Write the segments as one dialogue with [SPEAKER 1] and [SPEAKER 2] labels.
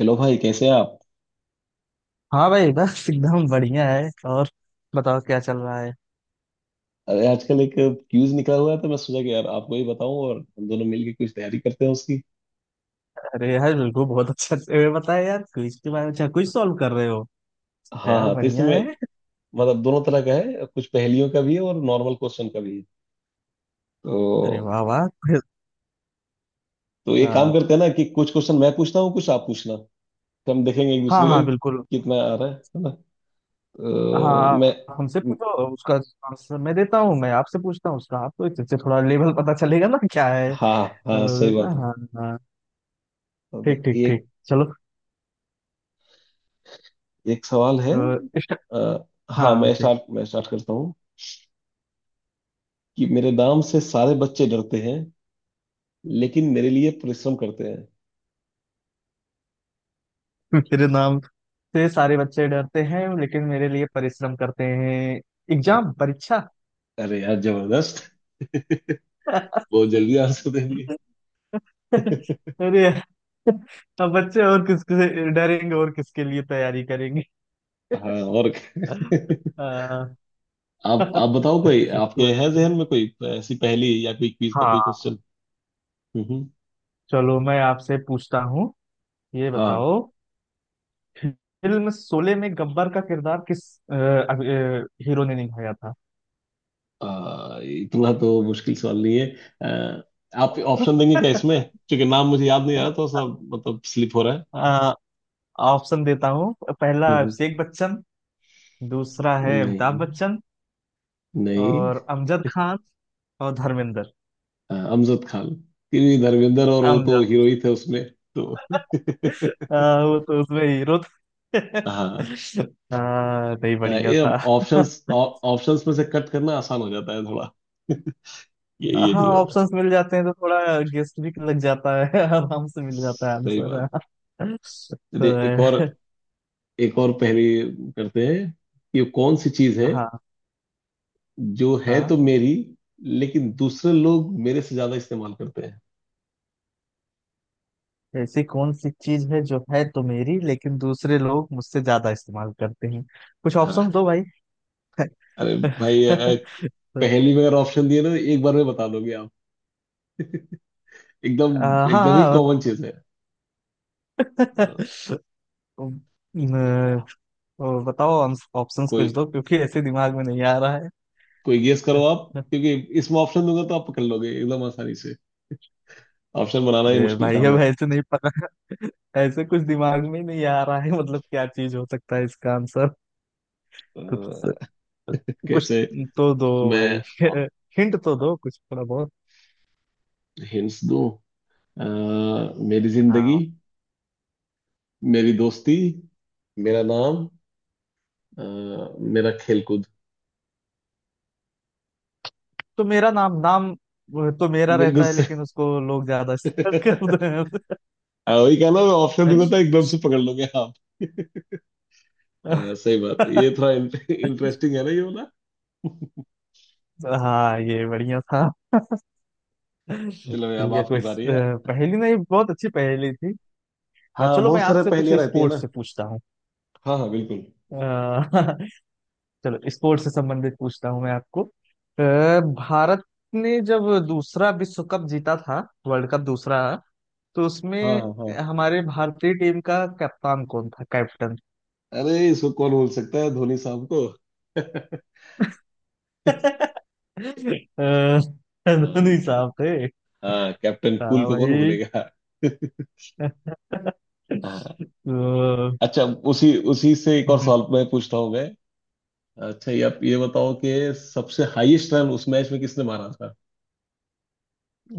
[SPEAKER 1] Hello भाई, कैसे हैं आप।
[SPEAKER 2] हाँ भाई बस एकदम बढ़िया है। और बताओ क्या चल रहा है?
[SPEAKER 1] अरे आजकल एक क्यूज निकला हुआ है, तो मैं सोचा कि यार आपको ही बताऊं और हम दोनों मिलके कुछ तैयारी करते हैं उसकी।
[SPEAKER 2] अरे यार बिल्कुल, बहुत अच्छा ये बताया यार, क्विज के बारे में। अच्छा क्विज सॉल्व कर रहे हो?
[SPEAKER 1] हाँ
[SPEAKER 2] यार
[SPEAKER 1] हाँ, तो
[SPEAKER 2] बढ़िया
[SPEAKER 1] इसमें
[SPEAKER 2] है।
[SPEAKER 1] मतलब दोनों तरह का है, कुछ पहेलियों का भी है और नॉर्मल क्वेश्चन का भी है।
[SPEAKER 2] अरे
[SPEAKER 1] तो
[SPEAKER 2] वाह वाह। quiz-
[SPEAKER 1] तो एक काम
[SPEAKER 2] हाँ
[SPEAKER 1] करते हैं ना कि कुछ क्वेश्चन मैं पूछता हूँ, कुछ आप पूछना। तो हम देखेंगे एक
[SPEAKER 2] हाँ,
[SPEAKER 1] दूसरे का
[SPEAKER 2] हाँ
[SPEAKER 1] कि
[SPEAKER 2] बिल्कुल।
[SPEAKER 1] कितना आ रहा है ना।
[SPEAKER 2] हाँ
[SPEAKER 1] तो
[SPEAKER 2] आप
[SPEAKER 1] मैं।
[SPEAKER 2] हमसे पूछो, उसका आंसर मैं देता हूँ। मैं आपसे पूछता हूँ उसका, आपको इससे थोड़ा लेवल पता चलेगा ना क्या है।
[SPEAKER 1] हाँ हाँ,
[SPEAKER 2] लोगे
[SPEAKER 1] सही
[SPEAKER 2] ना?
[SPEAKER 1] बात है।
[SPEAKER 2] हाँ हाँ।
[SPEAKER 1] तो
[SPEAKER 2] ठीक ठीक
[SPEAKER 1] एक
[SPEAKER 2] ठीक चलो।
[SPEAKER 1] एक सवाल है।
[SPEAKER 2] तो इस-
[SPEAKER 1] हाँ,
[SPEAKER 2] हाँ
[SPEAKER 1] मैं
[SPEAKER 2] ठीक।
[SPEAKER 1] स्टार्ट मैं स्टार्ट करता हूँ कि मेरे नाम से सारे बच्चे डरते हैं लेकिन मेरे लिए परिश्रम करते हैं।
[SPEAKER 2] मेरे नाम से सारे बच्चे डरते हैं लेकिन मेरे लिए परिश्रम करते हैं। एग्जाम, परीक्षा।
[SPEAKER 1] अरे यार, जबरदस्त। बहुत जल्दी आंसर दे दिए।
[SPEAKER 2] अरे यार, अब बच्चे और किसके से डरेंगे और किसके लिए तैयारी करेंगे?
[SPEAKER 1] हाँ और क्या?
[SPEAKER 2] अह,
[SPEAKER 1] आप बताओ, कोई आपके है जहन में कोई ऐसी पहेली या कोई क्विज का कोई
[SPEAKER 2] हाँ
[SPEAKER 1] क्वेश्चन। हम्म।
[SPEAKER 2] चलो मैं आपसे पूछता हूँ। ये
[SPEAKER 1] हाँ।
[SPEAKER 2] बताओ, फिल्म शोले में गब्बर का किरदार किस हीरो ने निभाया था?
[SPEAKER 1] इतना तो मुश्किल सवाल नहीं है। आप ऑप्शन देंगे क्या इसमें, क्योंकि नाम मुझे याद नहीं आ रहा, तो सब मतलब स्लिप हो रहा है।
[SPEAKER 2] अह, ऑप्शन देता हूँ। पहला
[SPEAKER 1] हम्म।
[SPEAKER 2] अभिषेक बच्चन, दूसरा है अमिताभ
[SPEAKER 1] नहीं
[SPEAKER 2] बच्चन,
[SPEAKER 1] नहीं।
[SPEAKER 2] और अमजद खान, और धर्मेंद्र।
[SPEAKER 1] अमजद खान, क्योंकि धर्मेंद्र और वो तो
[SPEAKER 2] अमजद।
[SPEAKER 1] हीरो ही थे उसमें। तो
[SPEAKER 2] वो तो उसमें हीरो।
[SPEAKER 1] हाँ।
[SPEAKER 2] हाँ नहीं बढ़िया
[SPEAKER 1] ये
[SPEAKER 2] था।
[SPEAKER 1] ऑप्शंस ऑप्शंस में से कट करना आसान हो जाता है थोड़ा। ये
[SPEAKER 2] हाँ
[SPEAKER 1] नहीं होगा।
[SPEAKER 2] ऑप्शंस मिल जाते हैं तो थोड़ा गेस्ट भी लग जाता है आराम से मिल जाता है
[SPEAKER 1] सही
[SPEAKER 2] आंसर।
[SPEAKER 1] बात।
[SPEAKER 2] तो
[SPEAKER 1] चलिए एक और पहेली करते हैं कि कौन सी चीज है
[SPEAKER 2] हाँ
[SPEAKER 1] जो है
[SPEAKER 2] हाँ,
[SPEAKER 1] तो मेरी लेकिन दूसरे लोग मेरे से ज्यादा इस्तेमाल करते हैं।
[SPEAKER 2] ऐसी कौन सी चीज है जो है तो मेरी लेकिन दूसरे लोग मुझसे ज्यादा इस्तेमाल करते हैं? कुछ ऑप्शन
[SPEAKER 1] हाँ।
[SPEAKER 2] दो भाई।
[SPEAKER 1] अरे भाई पहेली में अगर ऑप्शन दिए ना, एक बार में बता दोगे आप। एकदम एकदम ही
[SPEAKER 2] हाँ।
[SPEAKER 1] कॉमन चीज है। हाँ।
[SPEAKER 2] न- ओ, बताओ। ऑप्शंस
[SPEAKER 1] कोई
[SPEAKER 2] कुछ दो क्योंकि ऐसे दिमाग में नहीं आ रहा है।
[SPEAKER 1] कोई गेस करो आप, क्योंकि इसमें ऑप्शन दूंगा तो आप पकड़ लोगे एकदम आसानी से। ऑप्शन बनाना ही
[SPEAKER 2] अरे
[SPEAKER 1] मुश्किल
[SPEAKER 2] भाई
[SPEAKER 1] काम
[SPEAKER 2] अब ऐसे नहीं, ऐसे कुछ दिमाग में ही नहीं आ रहा है मतलब। क्या चीज हो सकता है इसका आंसर? कुछ
[SPEAKER 1] है।
[SPEAKER 2] कुछ
[SPEAKER 1] कैसे
[SPEAKER 2] तो दो
[SPEAKER 1] मैं
[SPEAKER 2] भाई। हिंट तो दो कुछ थोड़ा बहुत।
[SPEAKER 1] हिंट्स दूं? अ, मेरी जिंदगी,
[SPEAKER 2] हाँ
[SPEAKER 1] मेरी दोस्ती, मेरा नाम, अ, मेरा खेलकूद।
[SPEAKER 2] तो मेरा नाम नाम, वो तो मेरा
[SPEAKER 1] बिल्कुल
[SPEAKER 2] रहता है
[SPEAKER 1] सही।
[SPEAKER 2] लेकिन उसको लोग ज्यादा शेयर करते हैं।
[SPEAKER 1] हाँ, वही कहा ना, मैं ऑप्शन दूंगा तो एकदम से पकड़ लोगे आप। सही बात है, ये थोड़ा इंटरेस्टिंग है ना, ये वाला।
[SPEAKER 2] हाँ ये बढ़िया था।
[SPEAKER 1] चलो अब
[SPEAKER 2] बढ़िया
[SPEAKER 1] आपकी
[SPEAKER 2] कुछ
[SPEAKER 1] बारी है।
[SPEAKER 2] पहेली नहीं, बहुत अच्छी पहेली थी। हाँ
[SPEAKER 1] हाँ,
[SPEAKER 2] चलो मैं
[SPEAKER 1] बहुत सारे
[SPEAKER 2] आपसे कुछ
[SPEAKER 1] पहेलियां रहती है
[SPEAKER 2] स्पोर्ट्स
[SPEAKER 1] ना।
[SPEAKER 2] से पूछता हूँ।
[SPEAKER 1] हाँ हाँ, बिल्कुल।
[SPEAKER 2] अ, चलो स्पोर्ट्स से संबंधित पूछता हूँ मैं आपको। भारत ने जब दूसरा विश्व कप जीता था, वर्ल्ड कप दूसरा, तो
[SPEAKER 1] हाँ
[SPEAKER 2] उसमें
[SPEAKER 1] हाँ हाँ।
[SPEAKER 2] हमारे भारतीय टीम का कप्तान कौन था, कैप्टन?
[SPEAKER 1] अरे इसको कौन भूल सकता है, धोनी साहब को।
[SPEAKER 2] अ,
[SPEAKER 1] हाँ।
[SPEAKER 2] धोनी साहब थे।
[SPEAKER 1] हाँ, कैप्टन कूल
[SPEAKER 2] हाँ
[SPEAKER 1] को कौन
[SPEAKER 2] भाई।
[SPEAKER 1] भूलेगा। हाँ।
[SPEAKER 2] तो
[SPEAKER 1] अच्छा, उसी उसी से एक और
[SPEAKER 2] भाई,
[SPEAKER 1] सवाल मैं पूछता हूँ। मैं अच्छा, ये आप ये बताओ कि सबसे हाईएस्ट रन उस मैच में किसने मारा था।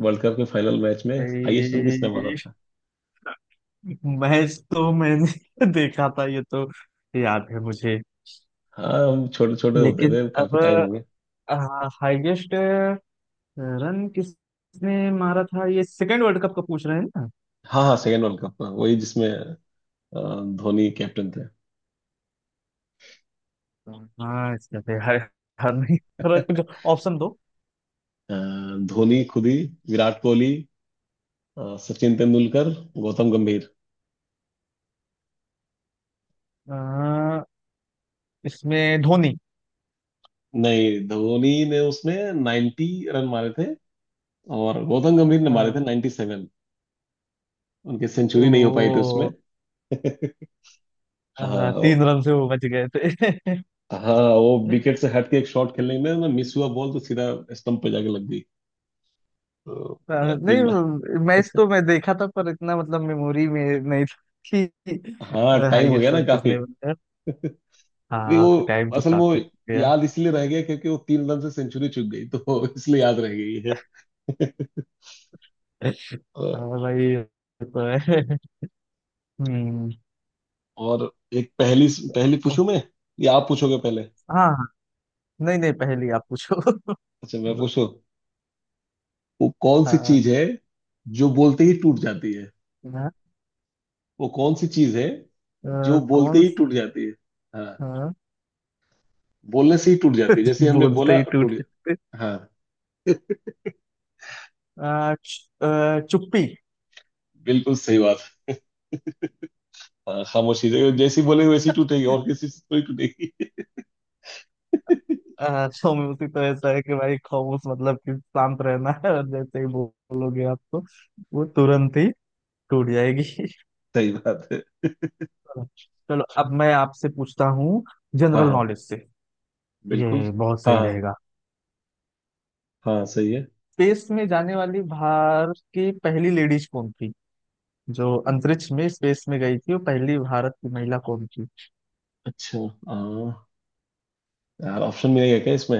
[SPEAKER 1] वर्ल्ड कप के फाइनल मैच में हाईएस्ट रन किसने मारा था।
[SPEAKER 2] मैच तो मैंने देखा था ये तो, याद है मुझे।
[SPEAKER 1] हाँ हम छोटे छोटे होते
[SPEAKER 2] लेकिन
[SPEAKER 1] थे, काफी
[SPEAKER 2] अब
[SPEAKER 1] टाइम हो गया।
[SPEAKER 2] हाईएस्ट रन किसने मारा था ये सेकेंड वर्ल्ड कप का पूछ रहे हैं ना?
[SPEAKER 1] हाँ हाँ, सेकेंड वर्ल्ड कप। हाँ, वही जिसमें अ, धोनी कैप्टन थे।
[SPEAKER 2] हाँ इसका तो यार यार नहीं, थोड़ा कुछ ऑप्शन दो।
[SPEAKER 1] धोनी खुद ही, विराट कोहली, सचिन तेंदुलकर, गौतम गंभीर।
[SPEAKER 2] अ, इसमें धोनी।
[SPEAKER 1] नहीं, धोनी ने उसमें 90 रन मारे थे और गौतम गंभीर ने मारे
[SPEAKER 2] अ,
[SPEAKER 1] थे 97। उनकी सेंचुरी नहीं हो पाई थी उसमें।
[SPEAKER 2] ओ।
[SPEAKER 1] हाँ।
[SPEAKER 2] तीन रन से वो बच गए थे।
[SPEAKER 1] हाँ, वो विकेट से हट के एक शॉट खेलने में ना, मिस हुआ, बॉल तो सीधा स्टंप पे जाके लग गई। तो तीन।
[SPEAKER 2] नहीं मैच तो मैं देखा था पर इतना मतलब मेमोरी में नहीं था कि
[SPEAKER 1] हाँ, टाइम हो गया
[SPEAKER 2] हाईएस्ट
[SPEAKER 1] ना
[SPEAKER 2] रन
[SPEAKER 1] काफी।
[SPEAKER 2] किसने बनाया।
[SPEAKER 1] अरे
[SPEAKER 2] हाँ
[SPEAKER 1] वो
[SPEAKER 2] टाइम तो
[SPEAKER 1] असल में वो
[SPEAKER 2] काफी हो गया।
[SPEAKER 1] याद इसलिए रह गया क्योंकि वो तीन रन से सेंचुरी चूक गई, तो इसलिए याद रह गई है। अ,
[SPEAKER 2] हाँ भाई ये तो है। हम्म।
[SPEAKER 1] और एक पहली पहली पूछूं मैं, या आप पूछोगे पहले?
[SPEAKER 2] हाँ हाँ, नहीं नहीं पहली आप पूछो।
[SPEAKER 1] अच्छा मैं पूछूं। वो कौन सी
[SPEAKER 2] हाँ।
[SPEAKER 1] चीज है जो बोलते ही टूट जाती है?
[SPEAKER 2] ना।
[SPEAKER 1] वो कौन सी चीज है जो बोलते
[SPEAKER 2] कौन।
[SPEAKER 1] ही टूट जाती है? हाँ,
[SPEAKER 2] हाँ।
[SPEAKER 1] बोलने से ही टूट जाती है, जैसे हमने
[SPEAKER 2] बोलते
[SPEAKER 1] बोला
[SPEAKER 2] ही टूट
[SPEAKER 1] टूट।
[SPEAKER 2] जाते।
[SPEAKER 1] हाँ।
[SPEAKER 2] चुप्पी।
[SPEAKER 1] बिल्कुल सही बात है। हाँ, खामोशी, जो- जैसी बोले वैसी टूटेगी और किसी से थोड़ी टूटेगी।
[SPEAKER 2] खामोशी तो ऐसा है कि भाई खामोश मतलब कि शांत रहना है, और जैसे ही बोलोगे आप तो वो तुरंत ही टूट जाएगी।
[SPEAKER 1] सही बात है।
[SPEAKER 2] चलो चलो, अब मैं आपसे पूछता हूँ
[SPEAKER 1] हाँ
[SPEAKER 2] जनरल
[SPEAKER 1] हाँ,
[SPEAKER 2] नॉलेज से।
[SPEAKER 1] बिल्कुल।
[SPEAKER 2] ये बहुत
[SPEAKER 1] हाँ
[SPEAKER 2] सही
[SPEAKER 1] हाँ।
[SPEAKER 2] रहेगा।
[SPEAKER 1] हाँ, सही है।
[SPEAKER 2] स्पेस में जाने वाली भारत की पहली लेडीज कौन थी? जो अंतरिक्ष में, स्पेस में गई थी वो पहली भारत की महिला कौन थी?
[SPEAKER 1] अच्छा। हाँ। यार ऑप्शन मिलेगा क्या इसमें?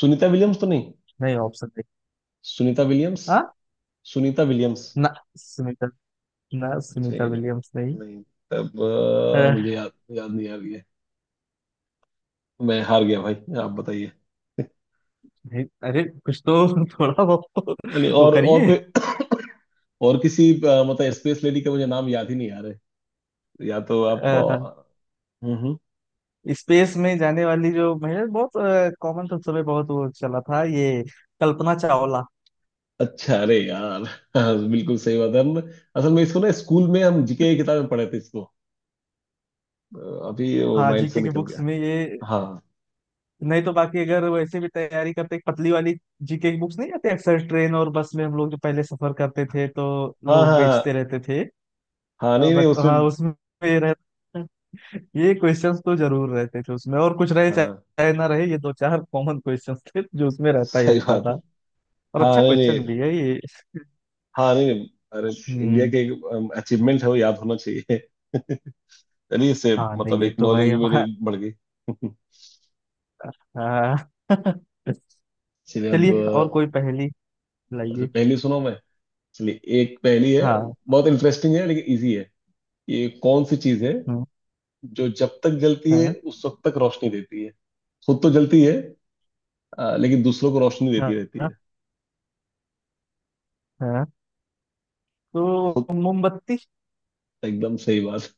[SPEAKER 1] सुनीता विलियम्स तो नहीं?
[SPEAKER 2] नहीं ऑप्शन नहीं।
[SPEAKER 1] सुनीता विलियम्स।
[SPEAKER 2] हाँ।
[SPEAKER 1] सुनीता विलियम्स।
[SPEAKER 2] ना ना,
[SPEAKER 1] अच्छा
[SPEAKER 2] सुनीता
[SPEAKER 1] ये नहीं है।
[SPEAKER 2] विलियम्स नहीं।
[SPEAKER 1] नहीं। तब
[SPEAKER 2] अ,
[SPEAKER 1] मुझे याद याद नहीं आ रही है। मैं हार गया भाई, आप बताइए।
[SPEAKER 2] नहीं, अरे कुछ तो थोड़ा बहुत तो
[SPEAKER 1] हाँ, नहीं,
[SPEAKER 2] वो
[SPEAKER 1] और और
[SPEAKER 2] करिए।
[SPEAKER 1] कोई और किसी मतलब स्पेस लेडी का मुझे नाम याद ही नहीं आ रहा है, या तो आप।
[SPEAKER 2] अह,
[SPEAKER 1] हम्म। हम्म।
[SPEAKER 2] स्पेस में जाने वाली जो महिला, बहुत कॉमन था उस समय बहुत वो चला था ये, कल्पना चावला।
[SPEAKER 1] अच्छा, अरे यार। हाँ, बिल्कुल सही बात है। हम असल में इसको ना स्कूल में हम जीके की किताब में पढ़े थे इसको। अ, अभी वो
[SPEAKER 2] हाँ
[SPEAKER 1] माइंड से
[SPEAKER 2] जीके की
[SPEAKER 1] निकल
[SPEAKER 2] बुक्स
[SPEAKER 1] गया।
[SPEAKER 2] में ये।
[SPEAKER 1] हाँ
[SPEAKER 2] नहीं तो बाकी अगर वैसे भी तैयारी करते, एक पतली वाली जीके की बुक्स नहीं आती अक्सर ट्रेन और बस में, हम लोग जो पहले सफर करते थे तो
[SPEAKER 1] हाँ
[SPEAKER 2] लोग
[SPEAKER 1] हाँ। हाँ
[SPEAKER 2] बेचते रहते थे।
[SPEAKER 1] हाँ। नहीं नहीं
[SPEAKER 2] बट हाँ
[SPEAKER 1] उसमें।
[SPEAKER 2] उसमें ये रहता, ये क्वेश्चंस तो जरूर रहते थे उसमें, और कुछ रहे चाहे
[SPEAKER 1] हाँ
[SPEAKER 2] चाहे ना रहे ये दो चार कॉमन क्वेश्चंस थे जो उसमें रहता ही
[SPEAKER 1] सही
[SPEAKER 2] रहता
[SPEAKER 1] बात है।
[SPEAKER 2] था। और अच्छा
[SPEAKER 1] हाँ नहीं नहीं।
[SPEAKER 2] क्वेश्चन भी है ये।
[SPEAKER 1] हाँ नहीं नहीं। अरे, इंडिया
[SPEAKER 2] हम्म।
[SPEAKER 1] के अचीवमेंट है, वो याद होना चाहिए। चलिए, इससे
[SPEAKER 2] हाँ नहीं
[SPEAKER 1] मतलब
[SPEAKER 2] ये
[SPEAKER 1] एक
[SPEAKER 2] तो
[SPEAKER 1] नॉलेज
[SPEAKER 2] भाई
[SPEAKER 1] भी मेरी
[SPEAKER 2] हमारा।
[SPEAKER 1] बढ़ गई।
[SPEAKER 2] हाँ।
[SPEAKER 1] चलिए अब
[SPEAKER 2] चलिए और कोई पहेली
[SPEAKER 1] अच्छा,
[SPEAKER 2] लाइए।
[SPEAKER 1] पहली सुनो मैं। चलिए, एक पहली है,
[SPEAKER 2] हाँ।
[SPEAKER 1] बहुत इंटरेस्टिंग है लेकिन इजी है। ये कौन सी चीज है
[SPEAKER 2] हम्म,
[SPEAKER 1] जो जब तक जलती है
[SPEAKER 2] हाँ
[SPEAKER 1] उस वक्त तक रोशनी देती है? खुद तो जलती है लेकिन दूसरों को रोशनी
[SPEAKER 2] हाँ
[SPEAKER 1] देती रहती
[SPEAKER 2] हाँ।
[SPEAKER 1] है।
[SPEAKER 2] हाँ। तो
[SPEAKER 1] खुद।
[SPEAKER 2] मोमबत्ती।
[SPEAKER 1] एकदम सही बात।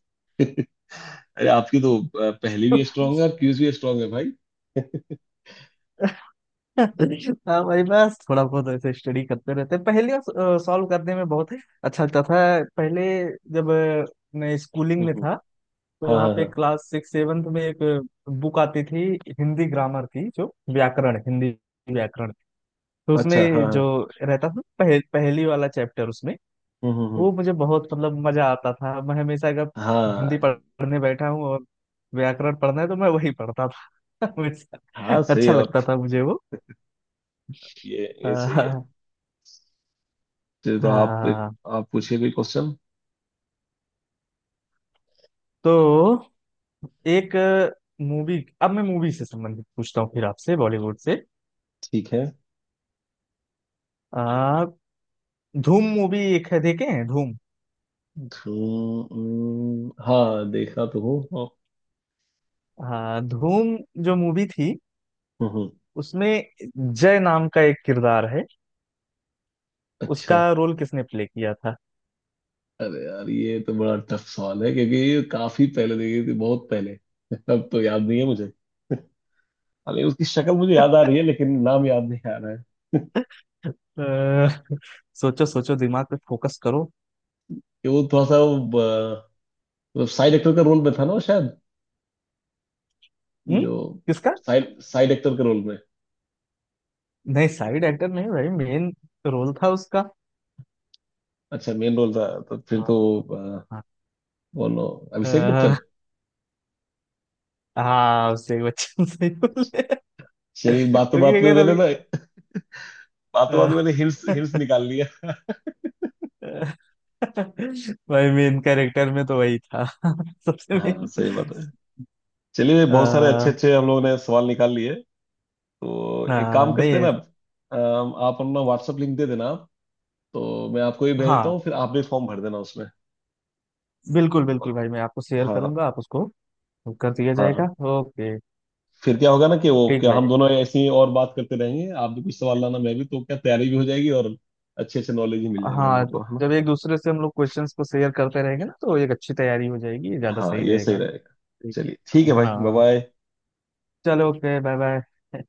[SPEAKER 1] अरे, आपकी तो पहेली भी स्ट्रांग है और क्यूज भी स्ट्रांग है भाई।
[SPEAKER 2] हाँ भाई बस थोड़ा बहुत ऐसे स्टडी करते रहते हैं। पहेलियाँ सॉल्व करने में बहुत अच्छा लगता था पहले, जब मैं स्कूलिंग में
[SPEAKER 1] हम्म।
[SPEAKER 2] था, तो
[SPEAKER 1] हाँ
[SPEAKER 2] वहाँ
[SPEAKER 1] हाँ
[SPEAKER 2] पे
[SPEAKER 1] हाँ।
[SPEAKER 2] क्लास सिक्स सेवन्थ में एक बुक आती थी हिंदी ग्रामर की, जो व्याकरण, हिंदी व्याकरण, तो
[SPEAKER 1] अच्छा। हाँ
[SPEAKER 2] उसमें जो
[SPEAKER 1] हाँ।
[SPEAKER 2] रहता था पहेली वाला चैप्टर उसमें,
[SPEAKER 1] हम्म।
[SPEAKER 2] वो मुझे बहुत मतलब मजा आता था। मैं हमेशा अगर हिंदी
[SPEAKER 1] हाँ
[SPEAKER 2] पढ़ने बैठा हूँ और व्याकरण पढ़ना है तो मैं वही पढ़ता था हमेशा।
[SPEAKER 1] हाँ, सही
[SPEAKER 2] अच्छा
[SPEAKER 1] है। और
[SPEAKER 2] लगता था मुझे
[SPEAKER 1] ये सही है।
[SPEAKER 2] वो।
[SPEAKER 1] चलिए तो आप एक-।
[SPEAKER 2] हाँ
[SPEAKER 1] आप पूछिए कोई क्वेश्चन।
[SPEAKER 2] तो एक मूवी, अब मैं मूवी से संबंधित पूछता हूँ फिर आपसे, बॉलीवुड से।
[SPEAKER 1] ठीक है।
[SPEAKER 2] आ, धूम मूवी एक है, देखे हैं धूम?
[SPEAKER 1] हम्म। हाँ, देखा तो हूँ।
[SPEAKER 2] हाँ, धूम जो मूवी थी
[SPEAKER 1] हम्म।
[SPEAKER 2] उसमें जय नाम का एक किरदार है, उसका
[SPEAKER 1] अच्छा।
[SPEAKER 2] रोल किसने प्ले किया था?
[SPEAKER 1] अरे यार, ये तो बड़ा टफ सवाल है क्योंकि ये काफी पहले देखी थी, बहुत पहले। अब तो याद नहीं है मुझे। अरे, उसकी शक्ल मुझे याद आ रही है लेकिन नाम याद नहीं आ रहा है।
[SPEAKER 2] अ, सोचो सोचो दिमाग पे फोकस करो।
[SPEAKER 1] कि वो थोड़ा सा वो, ब- मतलब साइड एक्टर का रोल में था ना वो शायद।
[SPEAKER 2] हम्म।
[SPEAKER 1] जो
[SPEAKER 2] किसका?
[SPEAKER 1] साइड साइड एक्टर के रोल में।
[SPEAKER 2] नहीं साइड एक्टर नहीं भाई, मेन रोल था उसका।
[SPEAKER 1] अच्छा मेन रोल था तो फिर
[SPEAKER 2] हाँ।
[SPEAKER 1] तो अ,
[SPEAKER 2] हाँ।
[SPEAKER 1] बोलो।
[SPEAKER 2] अ,
[SPEAKER 1] अभिषेक बच्चन।
[SPEAKER 2] हाँ, उससे बच्चन सही बोले।
[SPEAKER 1] चलिए, बातों
[SPEAKER 2] क्योंकि
[SPEAKER 1] बात में
[SPEAKER 2] अगर
[SPEAKER 1] मैंने
[SPEAKER 2] अभी
[SPEAKER 1] ना, बातों बात में
[SPEAKER 2] अ,
[SPEAKER 1] मैंने हिंट्स हिंट्स निकाल लिया।
[SPEAKER 2] भाई मेन कैरेक्टर में तो वही था सबसे
[SPEAKER 1] हाँ
[SPEAKER 2] मेन।
[SPEAKER 1] सही बात है। चलिए, बहुत सारे अच्छे
[SPEAKER 2] हाँ।
[SPEAKER 1] अच्छे हम लोगों ने सवाल निकाल लिए। तो एक काम करते हैं
[SPEAKER 2] नहीं
[SPEAKER 1] ना, आप अपना व्हाट्सएप लिंक दे देना आप, तो मैं आपको ही भेज देता
[SPEAKER 2] हाँ
[SPEAKER 1] हूँ, फिर आप भी फॉर्म भर देना उसमें।
[SPEAKER 2] बिल्कुल बिल्कुल भाई, मैं आपको शेयर
[SPEAKER 1] हाँ
[SPEAKER 2] करूंगा, आप उसको कर दिया
[SPEAKER 1] हाँ
[SPEAKER 2] जाएगा।
[SPEAKER 1] हाँ।
[SPEAKER 2] ओके।
[SPEAKER 1] फिर क्या होगा ना कि वो
[SPEAKER 2] ठीक
[SPEAKER 1] क्या,
[SPEAKER 2] भाई।
[SPEAKER 1] हम दोनों ऐसे ही और बात करते रहेंगे, आप भी कुछ सवाल लाना मैं भी, तो क्या तैयारी भी हो जाएगी और अच्छे अच्छे नॉलेज ही मिल जाएंगे हम
[SPEAKER 2] हाँ,
[SPEAKER 1] लोग को, है ना।
[SPEAKER 2] जब एक दूसरे से हम लोग क्वेश्चंस को शेयर करते रहेंगे ना तो एक अच्छी तैयारी हो जाएगी, ज्यादा
[SPEAKER 1] हाँ
[SPEAKER 2] सही
[SPEAKER 1] ये सही
[SPEAKER 2] रहेगा।
[SPEAKER 1] रहेगा।
[SPEAKER 2] ठीक।
[SPEAKER 1] चलिए ठीक है भाई, बाय
[SPEAKER 2] हाँ
[SPEAKER 1] बाय।
[SPEAKER 2] चलो, ओके बाय बाय।